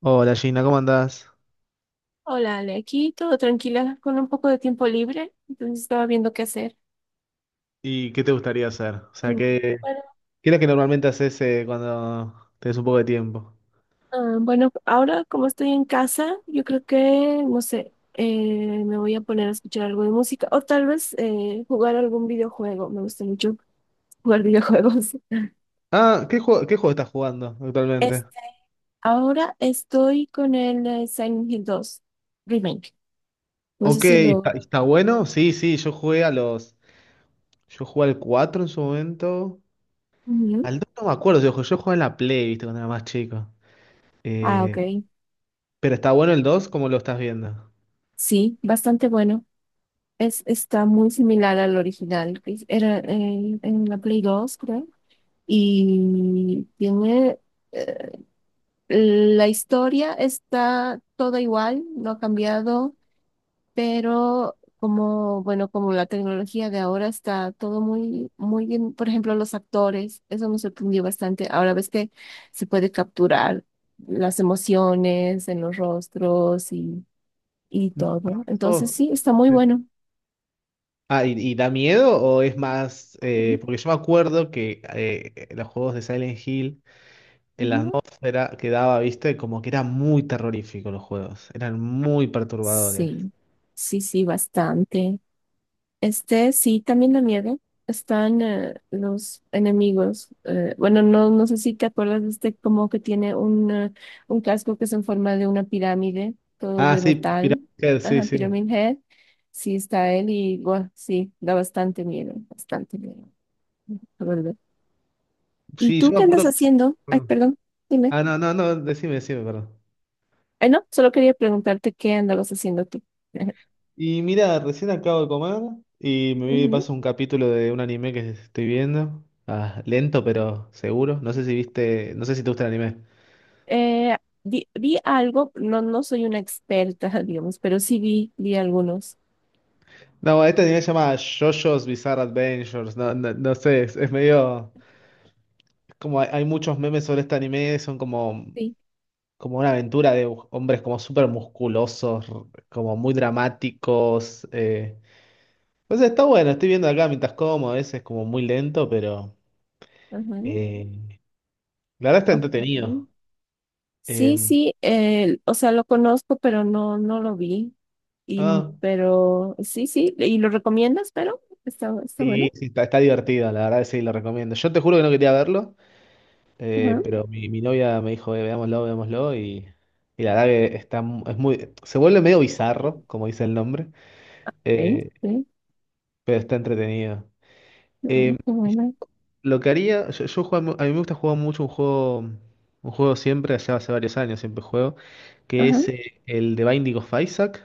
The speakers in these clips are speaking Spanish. Hola Gina, ¿cómo andás? Hola, Ale, aquí todo tranquila, con un poco de tiempo libre, entonces estaba viendo qué hacer. ¿Y qué te gustaría hacer? O sea, Mm. Bueno, ¿Qué es lo que normalmente haces cuando tenés un poco de tiempo? Bueno, ahora como estoy en casa, yo creo que no sé, me voy a poner a escuchar algo de música o tal vez jugar algún videojuego. Me gusta mucho jugar videojuegos. Ah, qué juego estás jugando actualmente? Este, ahora estoy con el Silent Hill 2 Remake. No sé Ok, si ¿está, lo... está bueno? Sí, sí, Yo jugué al 4 en su momento. Ujú. Al 2 no me acuerdo, yo jugué en la Play, viste, cuando era más chico. Ah, Eh, ok. pero ¿está bueno el dos? ¿Cómo lo estás viendo? Sí, bastante bueno. Está muy similar al original, que era en la Play 2, creo. Y tiene... eh, la historia está toda igual, no ha cambiado, pero como, bueno, como la tecnología de ahora, está todo muy, muy bien. Por ejemplo, los actores, eso me sorprendió bastante. Ahora ves que se puede capturar las emociones en los rostros y todo. Entonces, Oh, sí, está muy sí. bueno. Ah, ¿y da miedo o es más? Porque yo me acuerdo que los juegos de Silent Hill, en la Ujú. atmósfera que daba, viste, como que eran muy terroríficos los juegos, eran muy perturbadores. Sí, sí, bastante. Este, sí, también la nieve. Están los enemigos. Bueno, no, no sé si te acuerdas de este, como que tiene un casco que es en forma de una pirámide, todo Ah, de sí, metal. Pyramid Head, sí, Ajá, sí. Pyramid Head. Sí, está él y bueno, sí, da bastante miedo, bastante miedo, la verdad. ¿Y Sí, yo tú me qué andas acuerdo. haciendo? Ay, Perdón. perdón, dime. Ah, no, no, no, decime, decime, perdón. Ay, no, solo quería preguntarte qué andabas haciendo tú. Y mira, recién acabo de comer y me vi de Ujú. paso un capítulo de un anime que estoy viendo. Ah, lento, pero seguro. No sé si viste, no sé si te gusta el anime. Eh, vi algo, no, no soy una experta, digamos, pero sí vi, vi algunos. No, este anime se llama JoJo's Bizarre Adventures. No, no, no sé, es medio. Es como hay muchos memes sobre este anime, son como Sí, como una aventura de hombres como súper musculosos, como muy dramáticos. Entonces está bueno, estoy viendo acá mientras como, a veces como muy lento, pero ajá. eh, la verdad está entretenido. Ok. Eh, Sí, sí, o sea, lo conozco, pero no, no lo vi. Ah, Pero sí, sí, ¿y lo recomiendas? Pero está, está sí, bueno. sí, está divertido, la verdad que sí, lo recomiendo. Yo te juro que no quería verlo, Ajá. pero mi novia me dijo, Veámoslo, veámoslo", y la verdad que está, es muy, se vuelve medio bizarro, Ok, como dice el nombre, eh, sí, pero está entretenido. no, Eh, qué buena. Lo que haría, a mí me gusta jugar mucho un juego siempre, allá hace varios años siempre juego, que Ajá. es el de Binding of Isaac.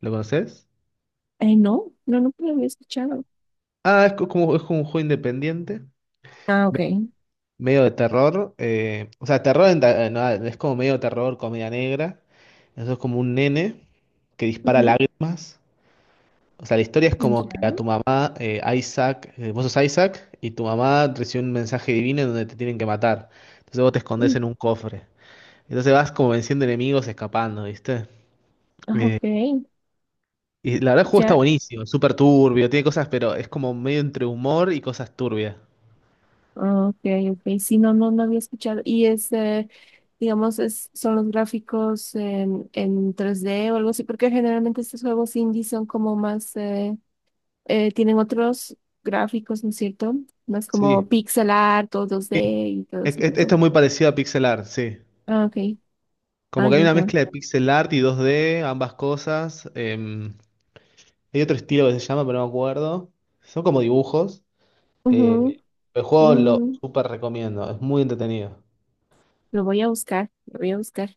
¿Lo conoces? No, no, nunca lo había escuchado. Ah, es como un juego independiente, Ah, ok. me- medio de terror. O sea, terror, no, es como medio terror, comedia negra. Eso es como un nene que dispara Ujú. lágrimas. O sea, la historia es como que a Ya. tu mamá, Isaac, vos sos Isaac, y tu mamá recibe un mensaje divino en donde te tienen que matar. Entonces vos te escondes Mm, en un cofre. Entonces vas como venciendo enemigos, escapando, ¿viste? ah, Eh, ok, y la verdad el juego está ya. buenísimo, súper turbio, tiene cosas, pero es como medio entre humor y cosas turbias. Ah, ok, ok. Sí, no, no, no había escuchado. Y es, digamos, ¿es, son los gráficos en 3D o algo así? Porque generalmente estos juegos indie son como más, tienen otros gráficos, ¿no es cierto? Más Sí, como pixel art o 2D y todo ese tipo. esto es muy parecido a pixel art, sí. Ah, ok. Como Ah, que hay ya, una ya. mezcla de pixel art y 2D, ambas cosas. Hay otro estilo que se llama, pero no me acuerdo. Son como dibujos. eh, Ujú. el juego lo Mm, súper recomiendo, es muy entretenido. lo voy a buscar, lo voy a buscar.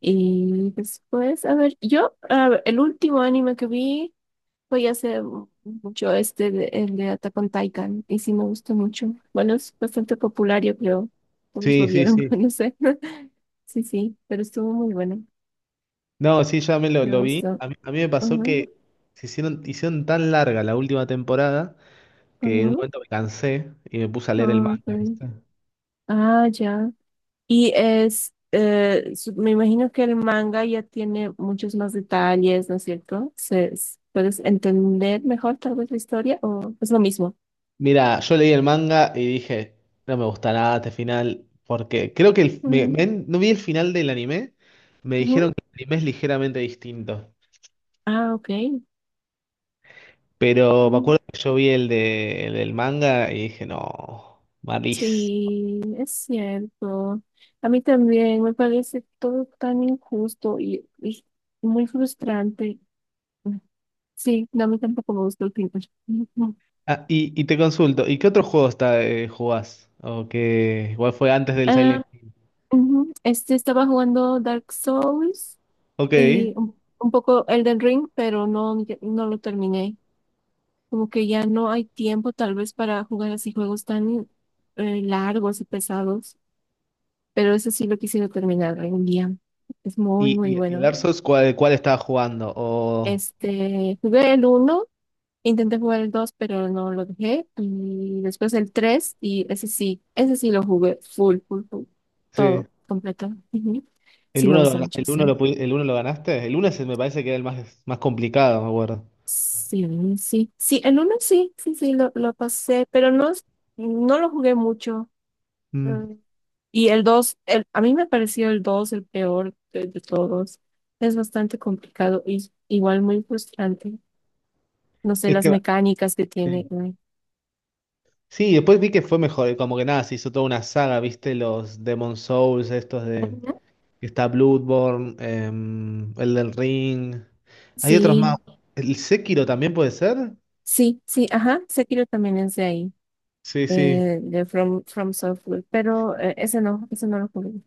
Y después, a ver, yo, a ver, el último anime que vi. Voy a hacer mucho el de Attack on Titan, y sí me gustó mucho. Bueno, es bastante popular, yo creo. Todos lo Sí, sí, vieron, sí. no sé. Sí, sí, pero estuvo muy bueno. No, sí, ya me lo, Me lo vi. gustó. A mí me pasó Ujú, que se hicieron tan larga la última temporada que en un ujú, momento me cansé y me puse a leer el ah, ok. manga, ¿viste? Ah, ya. Y es, me imagino que el manga ya tiene muchos más detalles, ¿no es cierto? ¿Puedes entender mejor tal vez la historia o es lo mismo? Mira, yo leí el manga y dije, no me gusta nada este final, porque creo que Mm, no vi el final del anime, me dijeron ujú. que el anime es ligeramente distinto, Ah, ok. pero me acuerdo que yo vi el del manga y dije, no, malísimo. Sí, es cierto. A mí también me parece todo tan injusto y muy frustrante. Sí, no, a mí tampoco me gusta el pintor. Ah, y te consulto, ¿y qué otro juego jugás? O que igual fue antes del Ah, Silent Hill. ujú. Este, estaba jugando Dark Souls Ok, y ¿y, un poco Elden Ring, pero no, ya- no lo terminé. Como que ya no hay tiempo tal vez para jugar así juegos tan largos y pesados, pero eso sí lo quisiera terminar algún día. Es muy, muy y, y el bueno. Dark Souls cuál estaba jugando? Este, jugué el uno, intenté jugar el 2 pero no lo dejé. Y después el 3 y ese sí lo jugué full, full, full. Sí. Todo, completo. Ujú. El Sí, me uno gusta lo, mucho el uno ese. lo, pudi- el uno lo ganaste. El uno se me parece que era el más, más complicado, me acuerdo. Sí, sí. Sí, el uno sí, sí, sí, lo pasé, pero no, es- no lo jugué mucho. Mm. Eh, Y el dos, el, a mí me pareció el 2 el peor de todos. Es bastante complicado y igual muy frustrante. No sé, Es las que, mecánicas que sí. tiene. Sí, después vi que fue mejor. Y como que nada, se hizo toda una saga, ¿viste? Los Demon Souls, estos de Ujú. que está Bloodborne, el del Ring. Hay otros más. Sí, ¿El Sekiro también puede ser? sí, sí, ajá, Sekiro también es de ahí, Sí, sí. De From Software, pero ese no lo jugué.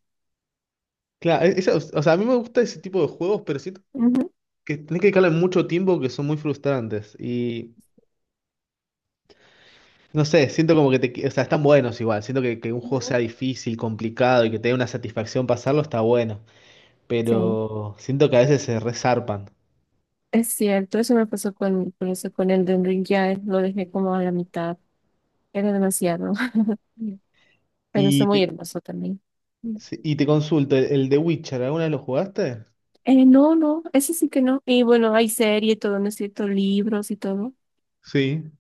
Claro, o sea, a mí me gusta ese tipo de juegos, pero siento Ujú, que tenés que dedicarle mucho tiempo que son muy frustrantes. Y no sé, siento como que o sea, están buenos igual. Siento que un juego sea ujú. difícil, complicado y que te dé una satisfacción pasarlo está bueno. Sí, Pero siento que a veces se resarpan. es cierto, eso me pasó con eso, con Elden Ring, ya lo dejé como a la mitad, era demasiado, pero está Y muy te, hermoso también. Mm. sí, y te consulto, el de Witcher, ¿alguna vez lo jugaste? No, no, ese sí que no, y bueno, hay serie y todo, ¿no es cierto? Libros y todo, Sí,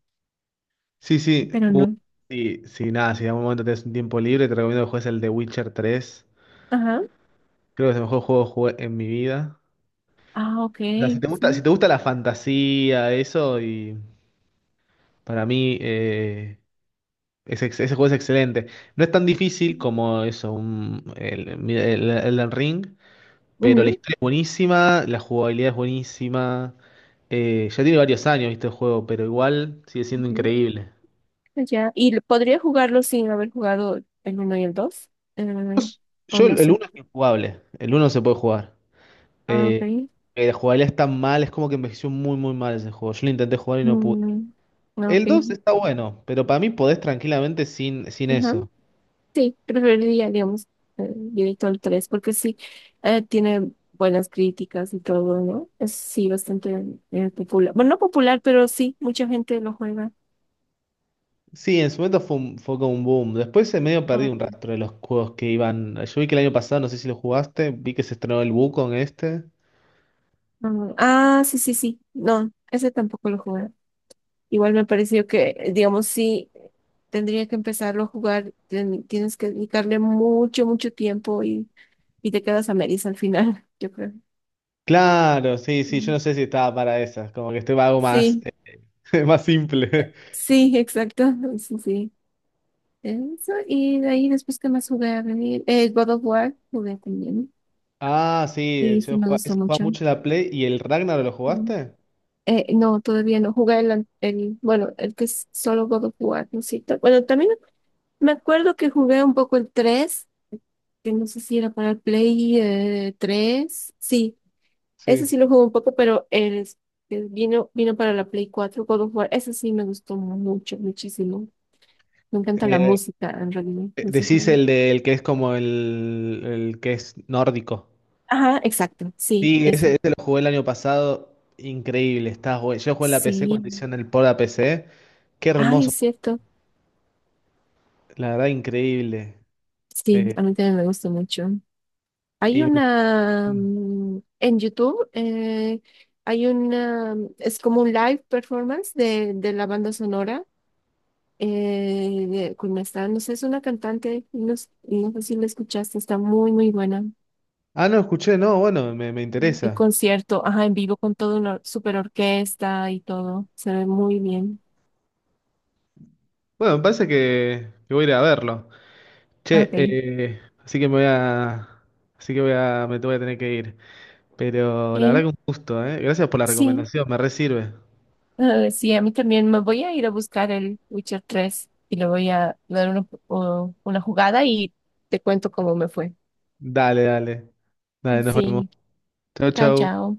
sí, sí. pero Uh, no, sí, sí, nada, si en algún momento tenés un tiempo libre, te recomiendo que juegues el de Witcher tres. ajá, Creo que es el mejor juego que jugué en mi vida. ah, ok, O sea, si te gusta, si sí. te gusta la fantasía, eso, y para mí. Ese juego es excelente. No es tan difícil como eso, Elden Ring, pero la Ujú. historia es buenísima, la jugabilidad es buenísima. Ya tiene varios años, este juego, pero igual sigue siendo increíble. Ya, ¿y lo- podría jugarlo sin haber jugado el uno y el dos? Eh, o Yo, el, no el sé. uno es injugable, el uno se puede jugar. Ah, ok. Eh, la jugabilidad es tan mal, es como que envejeció muy, muy mal ese juego. Yo lo intenté jugar y no pude. Mm, ah, ok. El 2 está bueno, pero para mí podés tranquilamente sin Ajá. eso. Sí, preferiría, digamos, directo al 3 porque sí, tiene buenas críticas y todo, ¿no? Es sí bastante popular. Bueno, no popular, pero sí, mucha gente lo juega. Sí, en su momento fue como un boom. Después se medio Ah, perdí un ok. rastro de los juegos que iban. Yo vi que el año pasado, no sé si lo jugaste, vi que se estrenó el Wukong este. Ah, ah, sí, sí, sí. No, ese tampoco lo jugué. Igual me pareció que, digamos, sí, tendría que empezarlo a jugar, tienes que dedicarle mucho, mucho tiempo y te quedas a medias al final, yo creo. Claro, sí, sí, yo no Mm. sé si estaba para esas, como que algo más, Sí, más simple. sí, exacto, sí, sí. Eso, y de ahí después, ¿qué más jugué a venir? God of War jugué también, Ah, sí, y sí yo me jugaba, gustó eso jugaba mucho. mucho en la Play. ¿Y el Ragnarok lo Mm. jugaste? No, todavía no, jugué bueno, el que es solo God of War, ¿no es cierto? Bueno, también me acuerdo que jugué un poco el tres, que no sé si era para el Play 3. Sí, ese Sí. sí lo jugué un poco, pero el que vino para la Play 4, God of War. Ese sí me gustó mucho, muchísimo. Me encanta la Eh, música, en realidad, en ese decís juego. el del que es como el que es nórdico. Ajá, exacto, sí, Sí, ese, eso. ese lo jugué el año pasado. Increíble, está, bueno. Yo jugué en la PC cuando Sí. hicieron el port a PC. Qué Ay, hermoso. es cierto. La verdad, increíble. Sí, Eh, a mí también me gusta mucho. Hay y- una en YouTube, hay una, es como un live performance de la banda sonora con esta, no sé, es una cantante, no, no sé si la escuchaste, está muy, muy buena. Ah, no, escuché, no, bueno, me Mm, el interesa. concierto, ajá, en vivo con toda una super orquesta y todo, se ve muy bien. Bueno, me parece que voy a ir a verlo. Che, Ok, así que me voy a. Así que me voy a tener que ir. Pero la verdad eh, que un gusto, ¿eh? Gracias por la sí, recomendación, me re sirve. ah, sí, a mí también me voy a ir a buscar el Witcher 3 y le voy a dar una jugada y te cuento cómo me fue. Dale, dale. Dale, nos vemos. Sí, Chau, chao, chau. chao.